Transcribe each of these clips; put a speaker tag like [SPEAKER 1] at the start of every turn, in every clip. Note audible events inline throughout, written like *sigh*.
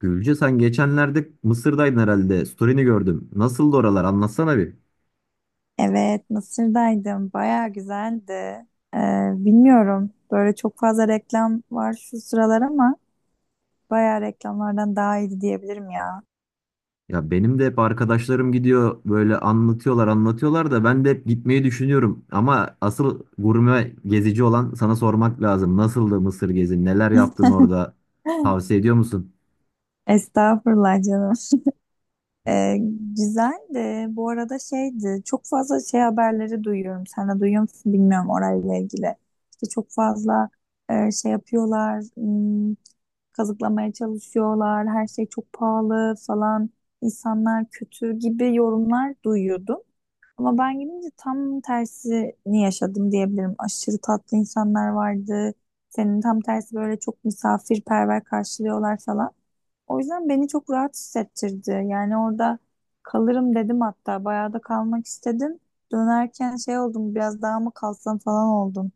[SPEAKER 1] Gülce sen geçenlerde Mısır'daydın herhalde. Story'ni gördüm. Nasıldı oralar? Anlatsana bir.
[SPEAKER 2] Evet, Mısır'daydım. Bayağı güzeldi. Ee, bilmiyorum. Böyle çok fazla reklam var şu sıralar ama bayağı reklamlardan daha iyiydi diyebilirim ya.
[SPEAKER 1] Ya benim de hep arkadaşlarım gidiyor böyle anlatıyorlar da ben de hep gitmeyi düşünüyorum. Ama asıl gurme gezici olan sana sormak lazım. Nasıldı Mısır gezin? Neler yaptın orada?
[SPEAKER 2] *laughs*
[SPEAKER 1] Tavsiye ediyor musun?
[SPEAKER 2] Estağfurullah canım. Ee, güzeldi. Bu arada şeydi. Çok fazla şey haberleri duyuyorum. Sen de duyuyor musun bilmiyorum orayla ilgili. İşte çok fazla şey yapıyorlar. Kazıklamaya çalışıyorlar. Her şey çok pahalı falan. İnsanlar kötü gibi yorumlar duyuyordum. Ama ben gidince tam tersini yaşadım diyebilirim. Aşırı tatlı insanlar vardı. Senin tam tersi böyle çok misafirperver karşılıyorlar falan. O yüzden beni çok rahat hissettirdi. Yani orada kalırım dedim hatta. Bayağı da kalmak istedim. Dönerken şey oldum biraz daha mı kalsam falan oldum.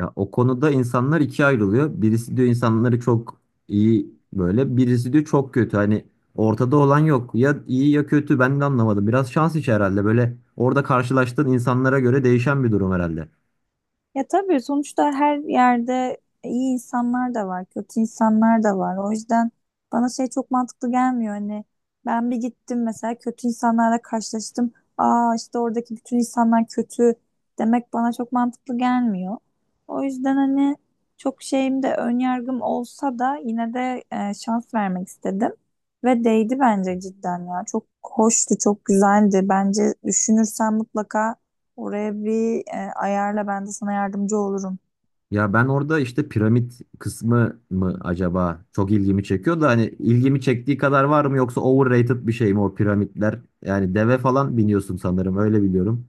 [SPEAKER 1] Ya o konuda insanlar ikiye ayrılıyor. Birisi diyor insanları çok iyi böyle, birisi diyor çok kötü. Hani ortada olan yok. Ya iyi ya kötü ben de anlamadım. Biraz şans işi herhalde. Böyle orada karşılaştığın insanlara göre değişen bir durum herhalde.
[SPEAKER 2] Ya tabii sonuçta her yerde iyi insanlar da var, kötü insanlar da var. O yüzden bana şey çok mantıklı gelmiyor. Hani ben bir gittim mesela kötü insanlarla karşılaştım. Aa işte oradaki bütün insanlar kötü demek bana çok mantıklı gelmiyor. O yüzden hani çok şeyim de ön yargım olsa da yine de şans vermek istedim. Ve değdi bence cidden ya. Çok hoştu, çok güzeldi. Bence düşünürsen mutlaka oraya bir ayarla, ben de sana yardımcı olurum.
[SPEAKER 1] Ya ben orada işte piramit kısmı mı acaba çok ilgimi çekiyor da hani ilgimi çektiği kadar var mı yoksa overrated bir şey mi o piramitler? Yani deve falan biniyorsun sanırım öyle biliyorum.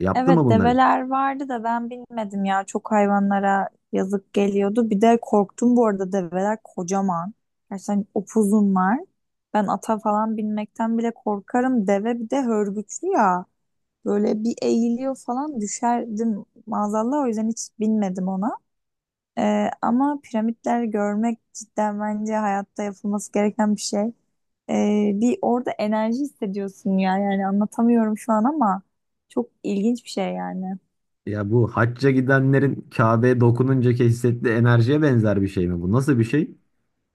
[SPEAKER 1] Yaptı mı
[SPEAKER 2] Evet,
[SPEAKER 1] bunları?
[SPEAKER 2] develer vardı da ben bilmedim ya, çok hayvanlara yazık geliyordu. Bir de korktum bu arada, develer kocaman. Gerçekten upuzunlar. Ben ata falan binmekten bile korkarım. Deve bir de hörgüçlü ya. Böyle bir eğiliyor falan, düşerdim maazallah, o yüzden hiç binmedim ona. E, ama piramitler görmek cidden bence hayatta yapılması gereken bir şey. Bir orada enerji hissediyorsun ya, yani anlatamıyorum şu an ama çok ilginç bir şey yani.
[SPEAKER 1] Ya bu hacca gidenlerin Kabe'ye dokununcaki hissettiği enerjiye benzer bir şey mi bu? Nasıl bir şey?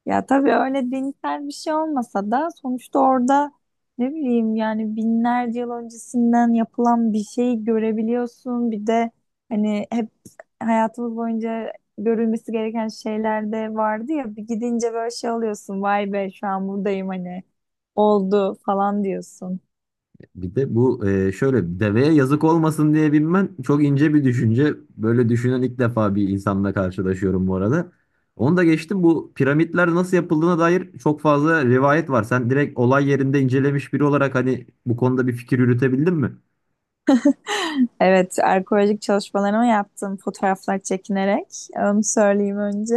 [SPEAKER 2] Ya tabii öyle dinsel bir şey olmasa da sonuçta orada ne bileyim yani binlerce yıl öncesinden yapılan bir şeyi görebiliyorsun. Bir de hani hep hayatımız boyunca görülmesi gereken şeyler de vardı ya, bir gidince böyle şey oluyorsun, vay be şu an buradayım hani, oldu falan diyorsun.
[SPEAKER 1] Bir de bu şöyle deveye yazık olmasın diye binmen çok ince bir düşünce. Böyle düşünen ilk defa bir insanla karşılaşıyorum bu arada. Onu da geçtim, bu piramitler nasıl yapıldığına dair çok fazla rivayet var. Sen direkt olay yerinde incelemiş biri olarak hani bu konuda bir fikir yürütebildin mi?
[SPEAKER 2] Evet, arkeolojik çalışmalarımı yaptım fotoğraflar çekinerek. Onu söyleyeyim önce.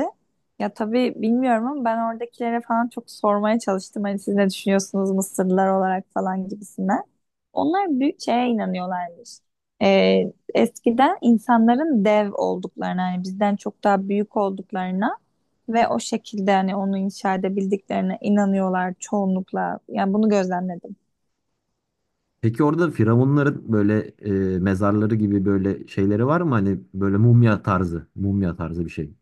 [SPEAKER 2] Ya tabii bilmiyorum ama ben oradakilere falan çok sormaya çalıştım. Hani siz ne düşünüyorsunuz Mısırlılar olarak falan gibisinden. Onlar büyük şeye inanıyorlarmış. Eskiden insanların dev olduklarına, hani bizden çok daha büyük olduklarına ve o şekilde hani onu inşa edebildiklerine inanıyorlar çoğunlukla. Yani bunu gözlemledim.
[SPEAKER 1] Peki orada firavunların böyle mezarları gibi böyle şeyleri var mı? Hani böyle mumya tarzı bir şey.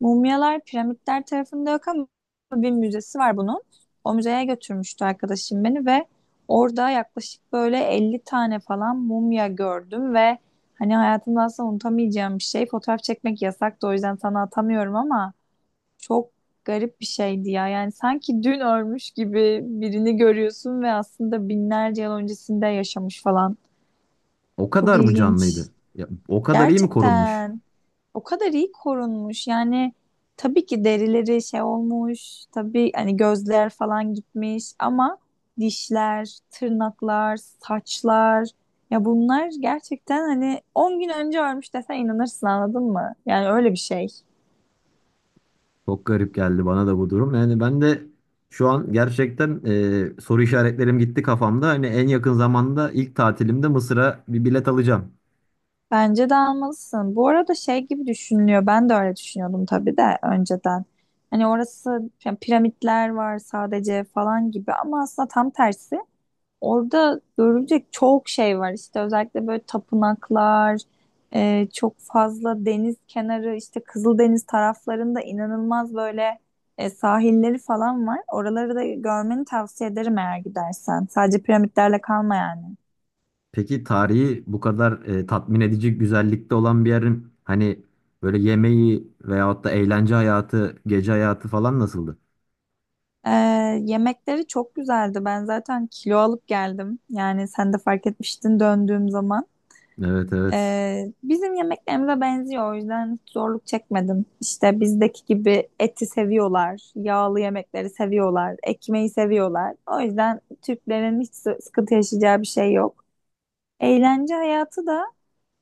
[SPEAKER 2] Mumyalar piramitler tarafında yok ama bir müzesi var bunun. O müzeye götürmüştü arkadaşım beni ve orada yaklaşık böyle 50 tane falan mumya gördüm ve hani hayatımda asla unutamayacağım bir şey. Fotoğraf çekmek yasaktı, o yüzden sana atamıyorum ama çok garip bir şeydi ya. Yani sanki dün ölmüş gibi birini görüyorsun ve aslında binlerce yıl öncesinde yaşamış falan.
[SPEAKER 1] O
[SPEAKER 2] Çok
[SPEAKER 1] kadar mı
[SPEAKER 2] ilginç.
[SPEAKER 1] canlıydı? Ya, o kadar iyi mi korunmuş?
[SPEAKER 2] Gerçekten o kadar iyi korunmuş. Yani tabii ki derileri şey olmuş. Tabii hani gözler falan gitmiş ama dişler, tırnaklar, saçlar, ya bunlar gerçekten hani 10 gün önce ölmüş desen inanırsın, anladın mı? Yani öyle bir şey.
[SPEAKER 1] Çok garip geldi bana da bu durum. Yani ben de şu an gerçekten soru işaretlerim gitti kafamda. Hani en yakın zamanda ilk tatilimde Mısır'a bir bilet alacağım.
[SPEAKER 2] Bence de almalısın. Bu arada şey gibi düşünülüyor. Ben de öyle düşünüyordum tabii de önceden. Hani orası yani piramitler var sadece falan gibi ama aslında tam tersi. Orada görülecek çok şey var işte, özellikle böyle tapınaklar, çok fazla deniz kenarı, işte Kızıldeniz taraflarında inanılmaz böyle sahilleri falan var. Oraları da görmeni tavsiye ederim eğer gidersen. Sadece piramitlerle kalma yani.
[SPEAKER 1] Peki tarihi bu kadar tatmin edici güzellikte olan bir yerin hani böyle yemeği veyahut da eğlence hayatı, gece hayatı falan nasıldı?
[SPEAKER 2] E, yemekleri çok güzeldi. Ben zaten kilo alıp geldim. Yani sen de fark etmiştin döndüğüm zaman.
[SPEAKER 1] Evet, evet.
[SPEAKER 2] Bizim yemeklerimize benziyor, o yüzden hiç zorluk çekmedim. İşte bizdeki gibi eti seviyorlar, yağlı yemekleri seviyorlar, ekmeği seviyorlar. O yüzden Türklerin hiç sıkıntı yaşayacağı bir şey yok. Eğlence hayatı da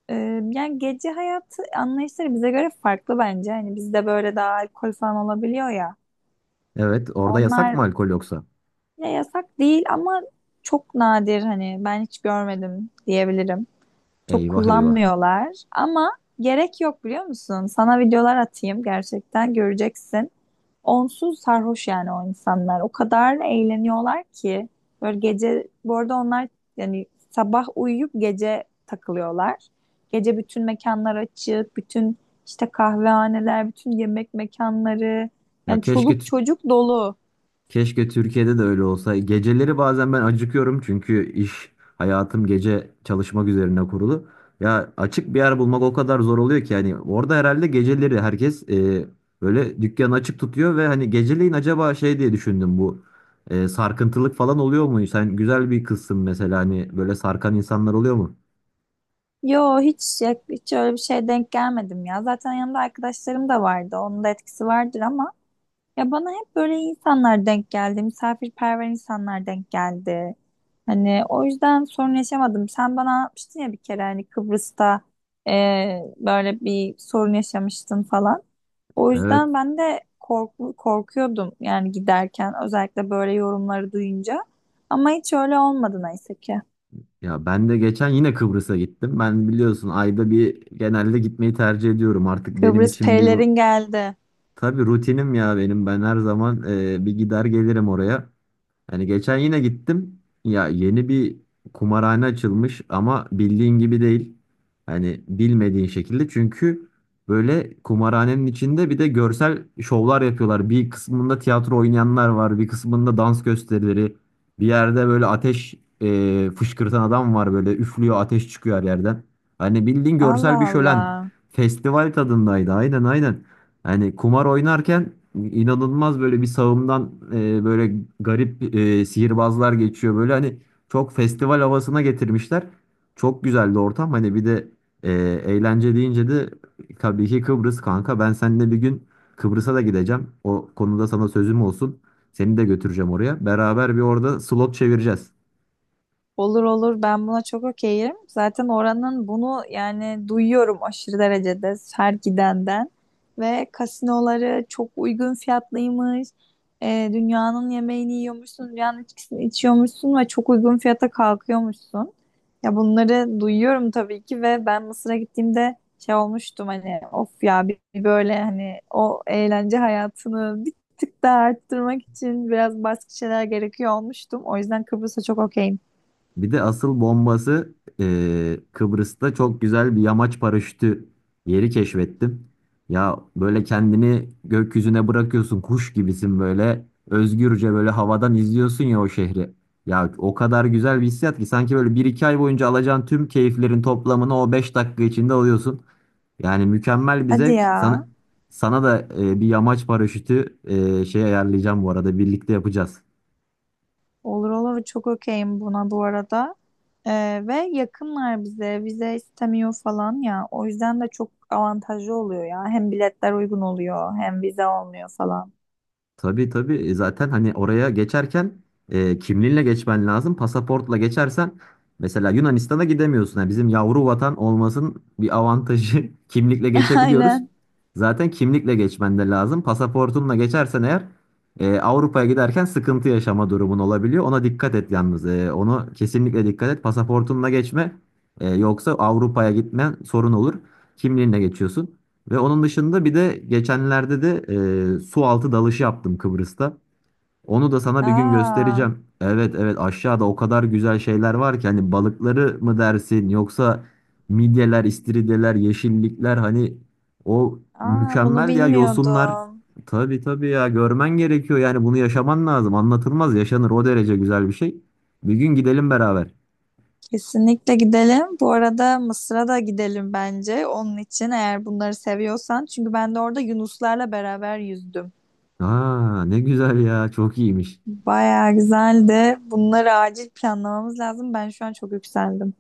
[SPEAKER 2] e, yani gece hayatı anlayışları bize göre farklı bence. Hani bizde böyle daha alkol falan olabiliyor ya.
[SPEAKER 1] Evet, orada yasak mı
[SPEAKER 2] Onlar
[SPEAKER 1] alkol yoksa?
[SPEAKER 2] ya yasak değil ama çok nadir, hani ben hiç görmedim diyebilirim. Çok
[SPEAKER 1] Eyvah, eyvah.
[SPEAKER 2] kullanmıyorlar ama gerek yok, biliyor musun? Sana videolar atayım, gerçekten göreceksin. Onsuz sarhoş yani o insanlar. O kadar eğleniyorlar ki böyle gece, bu arada onlar yani sabah uyuyup gece takılıyorlar. Gece bütün mekanlar açık, bütün işte kahvehaneler, bütün yemek mekanları,
[SPEAKER 1] Ya
[SPEAKER 2] yani
[SPEAKER 1] keşke
[SPEAKER 2] çoluk
[SPEAKER 1] t-
[SPEAKER 2] çocuk dolu.
[SPEAKER 1] Keşke Türkiye'de de öyle olsa. Geceleri bazen ben acıkıyorum çünkü iş hayatım gece çalışmak üzerine kurulu. Ya açık bir yer bulmak o kadar zor oluyor ki yani orada herhalde geceleri herkes böyle dükkanı açık tutuyor ve hani geceleyin acaba şey diye düşündüm, bu sarkıntılık falan oluyor mu? Sen güzel bir kızsın mesela, hani böyle sarkan insanlar oluyor mu?
[SPEAKER 2] Yo, hiç hiç öyle bir şeye denk gelmedim ya. Zaten yanımda arkadaşlarım da vardı. Onun da etkisi vardır ama ya bana hep böyle insanlar denk geldi, misafirperver insanlar denk geldi. Hani o yüzden sorun yaşamadım. Sen bana anlatmıştın ya bir kere hani Kıbrıs'ta e, böyle bir sorun yaşamıştın falan. O
[SPEAKER 1] Evet,
[SPEAKER 2] yüzden ben de korkuyordum yani giderken, özellikle böyle yorumları duyunca. Ama hiç öyle olmadı neyse ki.
[SPEAKER 1] ya ben de geçen yine Kıbrıs'a gittim. Ben biliyorsun ayda bir genelde gitmeyi tercih ediyorum. Artık benim
[SPEAKER 2] Kıbrıs
[SPEAKER 1] için bir
[SPEAKER 2] perilerin geldi.
[SPEAKER 1] tabii rutinim ya benim. Ben her zaman bir gider gelirim oraya. Hani geçen yine gittim. Ya yeni bir kumarhane açılmış ama bildiğin gibi değil. Hani bilmediğin şekilde. Çünkü böyle kumarhanenin içinde bir de görsel şovlar yapıyorlar. Bir kısmında tiyatro oynayanlar var. Bir kısmında dans gösterileri. Bir yerde böyle ateş fışkırtan adam var böyle. Üflüyor, ateş çıkıyor her yerden. Hani bildiğin görsel bir
[SPEAKER 2] Allah
[SPEAKER 1] şölen.
[SPEAKER 2] Allah.
[SPEAKER 1] Festival tadındaydı. Aynen, aynen. Yani kumar oynarken inanılmaz böyle bir sağımdan böyle garip sihirbazlar geçiyor. Böyle hani çok festival havasına getirmişler. Çok güzeldi ortam. Hani bir de e, eğlence deyince de tabii ki Kıbrıs kanka. Ben seninle bir gün Kıbrıs'a da gideceğim. O konuda sana sözüm olsun. Seni de götüreceğim oraya. Beraber bir orada slot çevireceğiz.
[SPEAKER 2] Olur olur, ben buna çok okeyim. Zaten oranın bunu yani duyuyorum aşırı derecede her gidenden. Ve kasinoları çok uygun fiyatlıymış. Dünyanın yemeğini yiyormuşsun, dünyanın içkisini içiyormuşsun ve çok uygun fiyata kalkıyormuşsun. Ya bunları duyuyorum tabii ki ve ben Mısır'a gittiğimde şey olmuştum, hani of ya, bir böyle hani o eğlence hayatını bir tık daha arttırmak için biraz başka şeyler gerekiyor olmuştum. O yüzden Kıbrıs'a çok okeyim.
[SPEAKER 1] Bir de asıl bombası, Kıbrıs'ta çok güzel bir yamaç paraşütü yeri keşfettim. Ya böyle kendini gökyüzüne bırakıyorsun, kuş gibisin, böyle özgürce böyle havadan izliyorsun ya o şehri. Ya o kadar güzel bir hissiyat ki sanki böyle bir iki ay boyunca alacağın tüm keyiflerin toplamını o 5 dakika içinde alıyorsun. Yani mükemmel bir
[SPEAKER 2] Hadi
[SPEAKER 1] zevk. Sana,
[SPEAKER 2] ya.
[SPEAKER 1] sana da bir yamaç paraşütü şey ayarlayacağım, bu arada birlikte yapacağız.
[SPEAKER 2] Olur olur, çok okeyim buna bu arada. Ve yakınlar bize vize istemiyor falan ya. O yüzden de çok avantajlı oluyor ya. Hem biletler uygun oluyor hem vize olmuyor falan.
[SPEAKER 1] Tabii, tabii. Zaten hani oraya geçerken kimliğinle geçmen lazım. Pasaportla geçersen mesela Yunanistan'a gidemiyorsun. Yani bizim yavru vatan olmasının bir avantajı *laughs* kimlikle
[SPEAKER 2] *laughs*
[SPEAKER 1] geçebiliyoruz.
[SPEAKER 2] Aynen.
[SPEAKER 1] Zaten kimlikle geçmen de lazım. Pasaportunla geçersen eğer Avrupa'ya giderken sıkıntı yaşama durumun olabiliyor. Ona dikkat et yalnız. Onu kesinlikle dikkat et. Pasaportunla geçme. Yoksa Avrupa'ya gitmen sorun olur. Kimliğinle geçiyorsun. Ve onun dışında bir de geçenlerde de su altı dalışı yaptım Kıbrıs'ta. Onu da sana bir gün
[SPEAKER 2] Aa,
[SPEAKER 1] göstereceğim. Evet, evet, aşağıda o kadar güzel şeyler var ki, hani balıkları mı dersin yoksa midyeler, istiridyeler, yeşillikler, hani o
[SPEAKER 2] aa bunu
[SPEAKER 1] mükemmel ya, yosunlar.
[SPEAKER 2] bilmiyordum.
[SPEAKER 1] Tabii, tabii ya, görmen gerekiyor yani bunu yaşaman lazım. Anlatılmaz yaşanır, o derece güzel bir şey. Bir gün gidelim beraber.
[SPEAKER 2] Kesinlikle gidelim. Bu arada Mısır'a da gidelim bence. Onun için eğer bunları seviyorsan. Çünkü ben de orada yunuslarla beraber yüzdüm.
[SPEAKER 1] Aa ne güzel ya, çok iyiymiş.
[SPEAKER 2] Bayağı güzeldi. Bunları acil planlamamız lazım. Ben şu an çok yükseldim.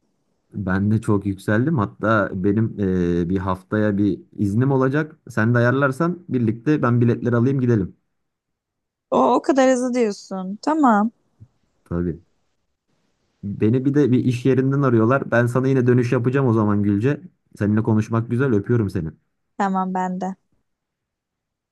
[SPEAKER 1] Ben de çok yükseldim. Hatta benim bir haftaya bir iznim olacak. Sen de ayarlarsan birlikte ben biletleri alayım, gidelim.
[SPEAKER 2] O kadar hızlı diyorsun. Tamam.
[SPEAKER 1] Tabii. Beni bir de bir iş yerinden arıyorlar. Ben sana yine dönüş yapacağım o zaman Gülce. Seninle konuşmak güzel. Öpüyorum seni.
[SPEAKER 2] Tamam bende.